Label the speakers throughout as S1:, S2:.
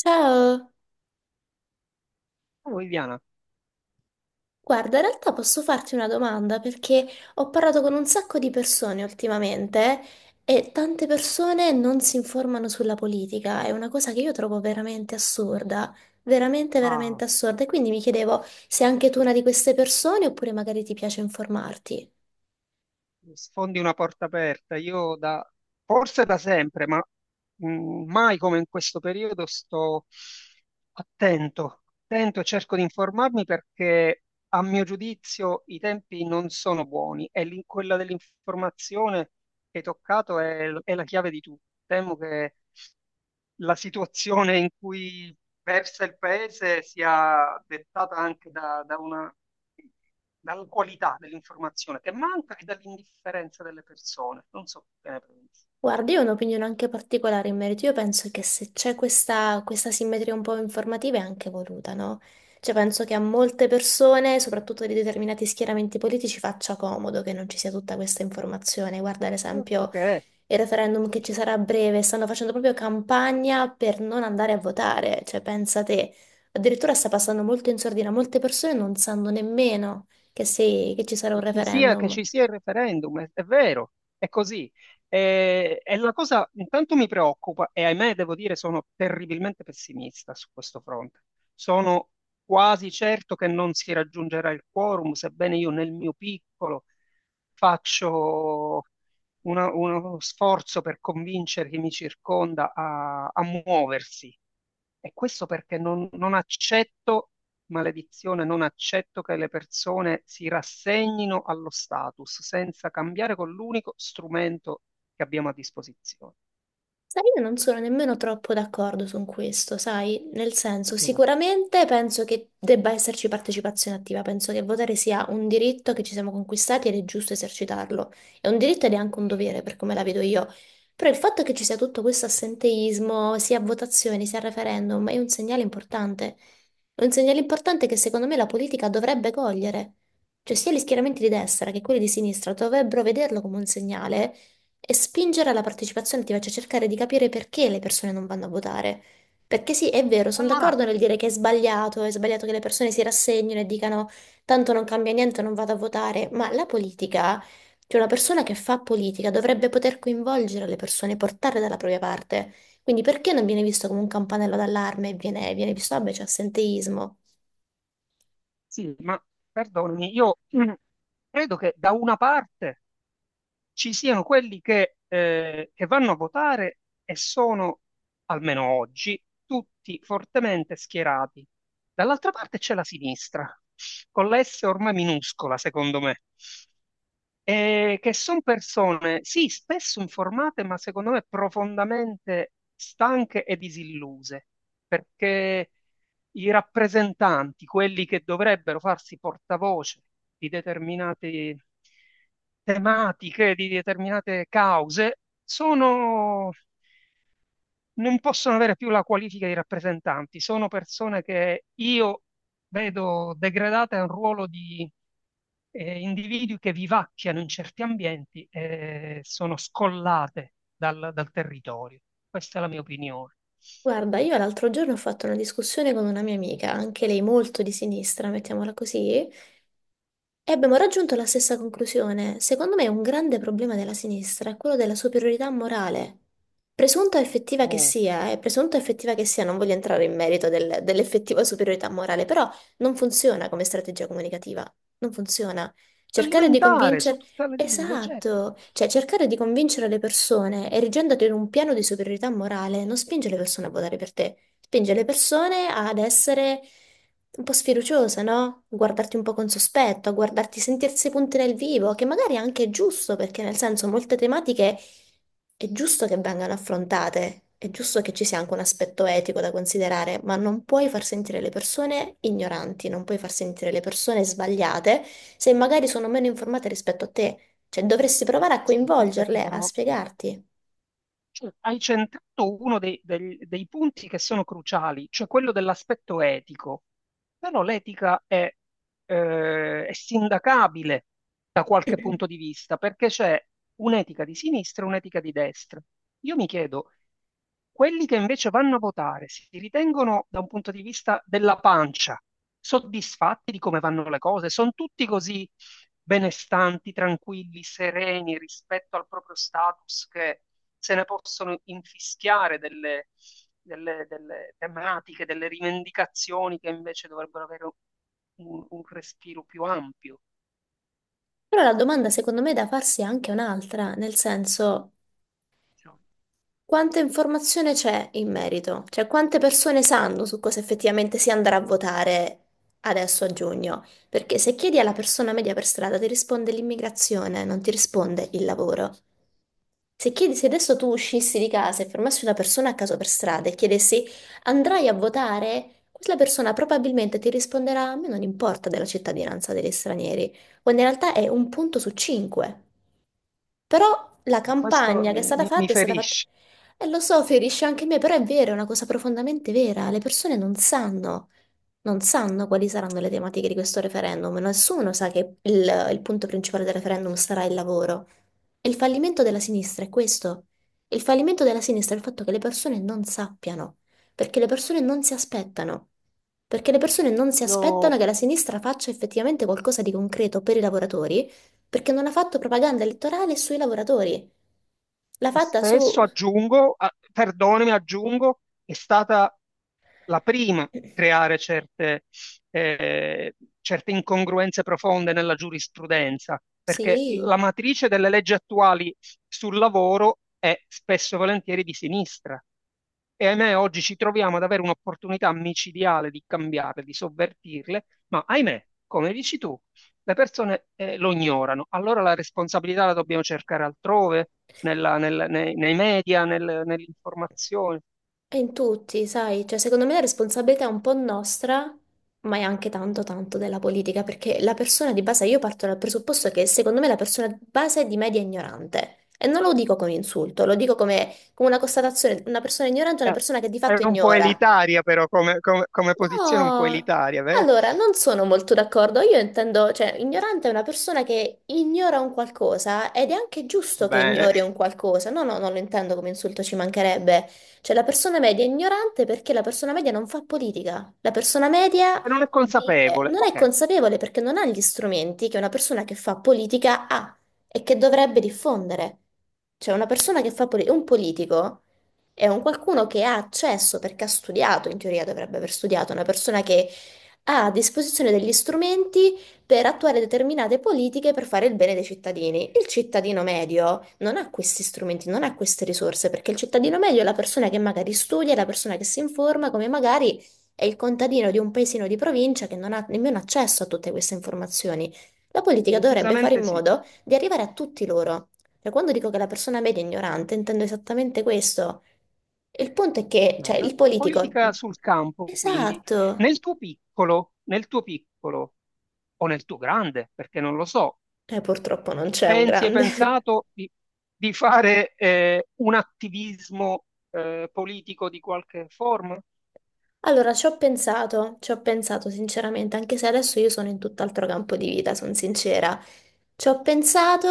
S1: Ciao,
S2: Oh, Viviana,
S1: guarda, in realtà posso farti una domanda perché ho parlato con un sacco di persone ultimamente e tante persone non si informano sulla politica, è una cosa che io trovo veramente assurda, veramente,
S2: ah,
S1: veramente assurda e quindi mi chiedevo se anche tu una di queste persone oppure magari ti piace informarti.
S2: mi sfondi una porta aperta. Io da, forse da sempre, ma mai come in questo periodo sto attento, attento e cerco di informarmi perché a mio giudizio i tempi non sono buoni e quella dell'informazione che hai toccato è la chiave di tutto. Temo che la situazione in cui versa il paese sia dettata anche dalla qualità dell'informazione che manca e dall'indifferenza delle persone. Non so che ne pensi.
S1: Guarda, io ho un'opinione anche particolare in merito. Io penso che se c'è questa simmetria un po' informativa è anche voluta, no? Cioè, penso che a molte persone, soprattutto di determinati schieramenti politici, faccia comodo che non ci sia tutta questa informazione. Guarda, ad
S2: Altro
S1: esempio,
S2: che è.
S1: il referendum che ci sarà a breve, stanno facendo proprio campagna per non andare a votare. Cioè, pensa te, addirittura sta passando molto in sordina, molte persone non sanno nemmeno che, che ci sarà un
S2: Ci sia, che
S1: referendum.
S2: ci sia il referendum, è vero, è così. E la cosa intanto mi preoccupa, e ahimè devo dire sono terribilmente pessimista su questo fronte. Sono quasi certo che non si raggiungerà il quorum, sebbene io nel mio piccolo faccio uno sforzo per convincere chi mi circonda a muoversi. E questo perché non accetto. Maledizione, non accetto che le persone si rassegnino allo status senza cambiare con l'unico strumento che abbiamo a disposizione.
S1: Sai, io non sono nemmeno troppo d'accordo su questo, sai? Nel senso, sicuramente penso che debba esserci partecipazione attiva, penso che votare sia un diritto che ci siamo conquistati ed è giusto esercitarlo. È un diritto ed è anche un dovere, per come la vedo io. Però il fatto che ci sia tutto questo assenteismo, sia a votazioni, sia a referendum, è un segnale importante. È un segnale importante che secondo me la politica dovrebbe cogliere. Cioè, sia gli schieramenti di destra che quelli di sinistra dovrebbero vederlo come un segnale. E spingere alla partecipazione attiva, cioè cercare di capire perché le persone non vanno a votare. Perché sì, è vero, sono
S2: Allora,
S1: d'accordo nel dire che è sbagliato che le persone si rassegnino e dicano tanto non cambia niente, non vado a votare, ma la politica, cioè una persona che fa politica dovrebbe poter coinvolgere le persone, portarle dalla propria parte. Quindi perché non viene visto come un campanello d'allarme e viene, viene visto, vabbè, c'è assenteismo?
S2: sì, ma perdonami, io credo che da una parte ci siano quelli che che vanno a votare e sono, almeno oggi, tutti fortemente schierati. Dall'altra parte c'è la sinistra, con la S ormai minuscola, secondo me. Che sono persone, sì, spesso informate, ma secondo me profondamente stanche e disilluse, perché i rappresentanti, quelli che dovrebbero farsi portavoce di determinate tematiche, di determinate cause, sono, non possono avere più la qualifica di rappresentanti, sono persone che io vedo degradate a un ruolo di individui che vivacchiano in certi ambienti e sono scollate dal territorio. Questa è la mia opinione.
S1: Guarda, io l'altro giorno ho fatto una discussione con una mia amica, anche lei molto di sinistra, mettiamola così, e abbiamo raggiunto la stessa conclusione. Secondo me un grande problema della sinistra è quello della superiorità morale. Presunta o effettiva che
S2: Oh,
S1: sia, presunta o effettiva che sia, non voglio entrare in merito dell'effettiva superiorità morale, però non funziona come strategia comunicativa. Non funziona. Cercare di
S2: elementare, su
S1: convincere...
S2: tutte le linee, ma certo.
S1: Esatto, cioè cercare di convincere le persone erigendoti in un piano di superiorità morale non spinge le persone a votare per te, spinge le persone ad essere un po' sfiduciose, no? Guardarti un po' con sospetto, a guardarti, sentirsi punti nel vivo, che magari anche è giusto, perché nel senso molte tematiche è giusto che vengano affrontate, è giusto che ci sia anche un aspetto etico da considerare, ma non puoi far sentire le persone ignoranti, non puoi far sentire le persone sbagliate se magari sono meno informate rispetto a te. Cioè, dovresti provare a
S2: Aspetta, aspetta,
S1: coinvolgerle, a
S2: però
S1: spiegarti.
S2: cioè, hai centrato uno dei punti che sono cruciali, cioè quello dell'aspetto etico. Però l'etica è sindacabile da qualche punto di vista, perché c'è un'etica di sinistra e un'etica di destra. Io mi chiedo, quelli che invece vanno a votare si ritengono da un punto di vista della pancia soddisfatti di come vanno le cose? Sono tutti così benestanti, tranquilli, sereni rispetto al proprio status che se ne possono infischiare delle tematiche, delle rivendicazioni che invece dovrebbero avere un respiro più ampio.
S1: Però la domanda secondo me da farsi è anche un'altra, nel senso
S2: Diciamo.
S1: quanta informazione c'è in merito? Cioè quante persone sanno su cosa effettivamente si andrà a votare adesso a giugno? Perché se chiedi alla persona media per strada ti risponde l'immigrazione, non ti risponde il lavoro. Se chiedi, se adesso tu uscissi di casa e fermassi una persona a caso per strada e chiedessi andrai a votare, quella persona probabilmente ti risponderà a me non importa della cittadinanza degli stranieri, quando in realtà è un punto su cinque. Però la
S2: Questo
S1: campagna che
S2: mi
S1: è stata fatta...
S2: ferisce.
S1: E lo so, ferisce anche me, però è vero, è una cosa profondamente vera. Le persone non sanno, non sanno quali saranno le tematiche di questo referendum. Nessuno sa che il punto principale del referendum sarà il lavoro. E il fallimento della sinistra è questo. Il fallimento della sinistra è il fatto che le persone non sappiano, perché le persone non si aspettano. Perché le persone non si aspettano
S2: Io
S1: che la sinistra faccia effettivamente qualcosa di concreto per i lavoratori perché non ha fatto propaganda elettorale sui lavoratori. L'ha fatta su...
S2: spesso aggiungo, perdonami, aggiungo, è stata la prima a creare certe, certe incongruenze profonde nella giurisprudenza, perché la
S1: Sì,
S2: matrice delle leggi attuali sul lavoro è spesso e volentieri di sinistra. E ahimè, oggi ci troviamo ad avere un'opportunità micidiale di cambiarle, di sovvertirle, ma ahimè, come dici tu, le persone lo ignorano. Allora la responsabilità la dobbiamo cercare altrove, nei media, nell'informazione.
S1: è in tutti, sai, cioè secondo me la responsabilità è un po' nostra, ma è anche tanto della politica, perché la persona di base, io parto dal presupposto che secondo me la persona di base è di media ignorante. E non lo dico come insulto, lo dico come, come una constatazione, una persona ignorante è una
S2: Eh,
S1: persona che di
S2: è
S1: fatto
S2: un po'
S1: ignora.
S2: elitaria, però, come posizione un po'
S1: No,
S2: elitaria, beh.
S1: allora non sono molto d'accordo. Io intendo, cioè, ignorante è una persona che ignora un qualcosa ed è anche giusto che
S2: Bene.
S1: ignori un qualcosa. No, no, non lo intendo come insulto, ci mancherebbe. Cioè, la persona media è ignorante perché la persona media non fa politica. La persona media
S2: E non è
S1: vive,
S2: consapevole.
S1: non è
S2: Ok,
S1: consapevole perché non ha gli strumenti che una persona che fa politica ha e che dovrebbe diffondere. Cioè, una persona che fa politica, un politico. È un qualcuno che ha accesso perché ha studiato, in teoria dovrebbe aver studiato, una persona che ha a disposizione degli strumenti per attuare determinate politiche per fare il bene dei cittadini. Il cittadino medio non ha questi strumenti, non ha queste risorse, perché il cittadino medio è la persona che magari studia, è la persona che si informa, come magari è il contadino di un paesino di provincia che non ha nemmeno accesso a tutte queste informazioni. La politica dovrebbe fare in
S2: decisamente sì.
S1: modo di arrivare a tutti loro. Cioè, quando dico che la persona media è ignorante, intendo esattamente questo. Il punto è che, cioè,
S2: Dai,
S1: il
S2: la
S1: politico...
S2: politica sul campo, quindi,
S1: Esatto.
S2: nel tuo piccolo o nel tuo grande, perché non lo so,
S1: Purtroppo non c'è un
S2: pensi, hai
S1: grande.
S2: pensato di fare un attivismo politico di qualche forma?
S1: Allora, ci ho pensato sinceramente, anche se adesso io sono in tutt'altro campo di vita, sono sincera. Ci ho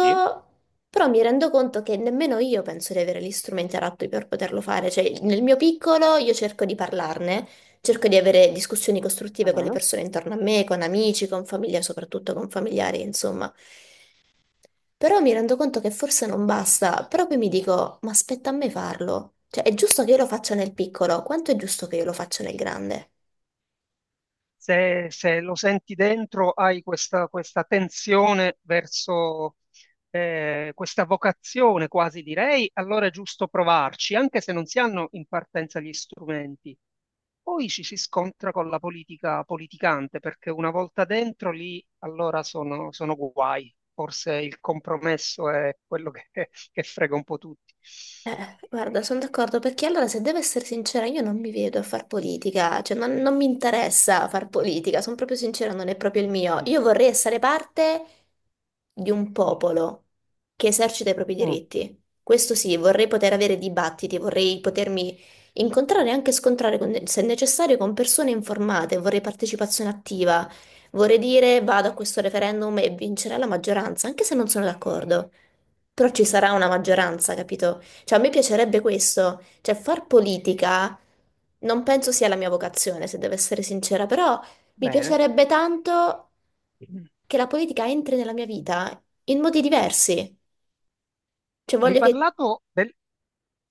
S2: Sì.
S1: però mi rendo conto che nemmeno io penso di avere gli strumenti adatti per poterlo fare. Cioè, nel mio piccolo io cerco di parlarne, cerco di avere discussioni
S2: Ah,
S1: costruttive con
S2: no,
S1: le
S2: no.
S1: persone intorno a me, con amici, con famiglia, soprattutto con familiari, insomma. Però mi rendo conto che forse non basta, però poi mi dico, ma aspetta a me farlo. Cioè, è giusto che io lo faccia nel piccolo, quanto è giusto che io lo faccia nel grande?
S2: Se, se lo senti dentro, hai questa, questa tensione verso questa vocazione quasi direi, allora è giusto provarci, anche se non si hanno in partenza gli strumenti. Poi ci si scontra con la politica politicante, perché una volta dentro lì allora sono, sono guai. Forse il compromesso è quello che frega un po' tutti.
S1: Guarda, sono d'accordo perché allora, se devo essere sincera, io non mi vedo a far politica, cioè non, non mi interessa far politica, sono proprio sincera, non è proprio il mio. Io vorrei essere parte di un popolo che esercita i propri
S2: Mm,
S1: diritti. Questo sì, vorrei poter avere dibattiti, vorrei potermi incontrare e anche scontrare, se necessario, con persone informate, vorrei partecipazione attiva, vorrei dire vado a questo referendum e vincerà la maggioranza, anche se non sono d'accordo. Però ci sarà una maggioranza, capito? Cioè, a me piacerebbe questo, cioè far politica non penso sia la mia vocazione, se devo essere sincera, però mi
S2: bene.
S1: piacerebbe tanto che la politica entri nella mia vita in modi diversi. Cioè,
S2: Hai
S1: voglio che...
S2: parlato del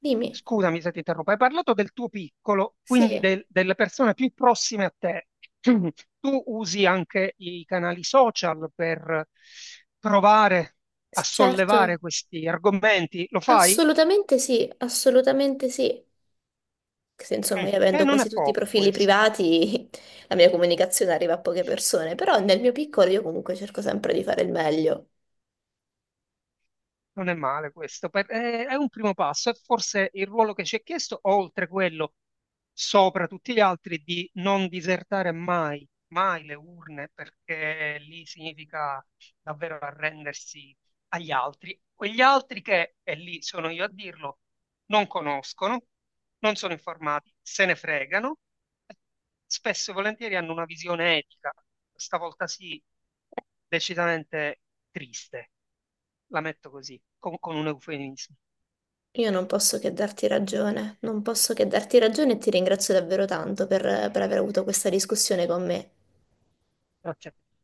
S1: Dimmi.
S2: Scusami se ti interrompo, hai parlato del tuo piccolo,
S1: Sì,
S2: quindi
S1: sì,
S2: delle persone più prossime a te. Tu usi anche i canali social per provare a sollevare
S1: certo.
S2: questi argomenti, lo fai?
S1: Assolutamente sì, assolutamente sì. Se,
S2: Mm.
S1: insomma, io avendo
S2: Non è
S1: quasi tutti i
S2: poco
S1: profili
S2: questo.
S1: privati, la mia comunicazione arriva a poche persone, però nel mio piccolo io comunque cerco sempre di fare il meglio.
S2: Non è male questo, è un primo passo, è forse il ruolo che ci è chiesto, oltre quello sopra tutti gli altri, di non disertare mai, mai le urne, perché lì significa davvero arrendersi agli altri. Quegli altri che, e lì sono io a dirlo, non conoscono, non sono informati, se ne fregano, spesso e volentieri hanno una visione etica, stavolta sì, decisamente triste. La metto così, con un eufemismo.
S1: Io non posso che darti ragione, non posso che darti ragione e ti ringrazio davvero tanto per aver avuto questa discussione con me.
S2: Grazie a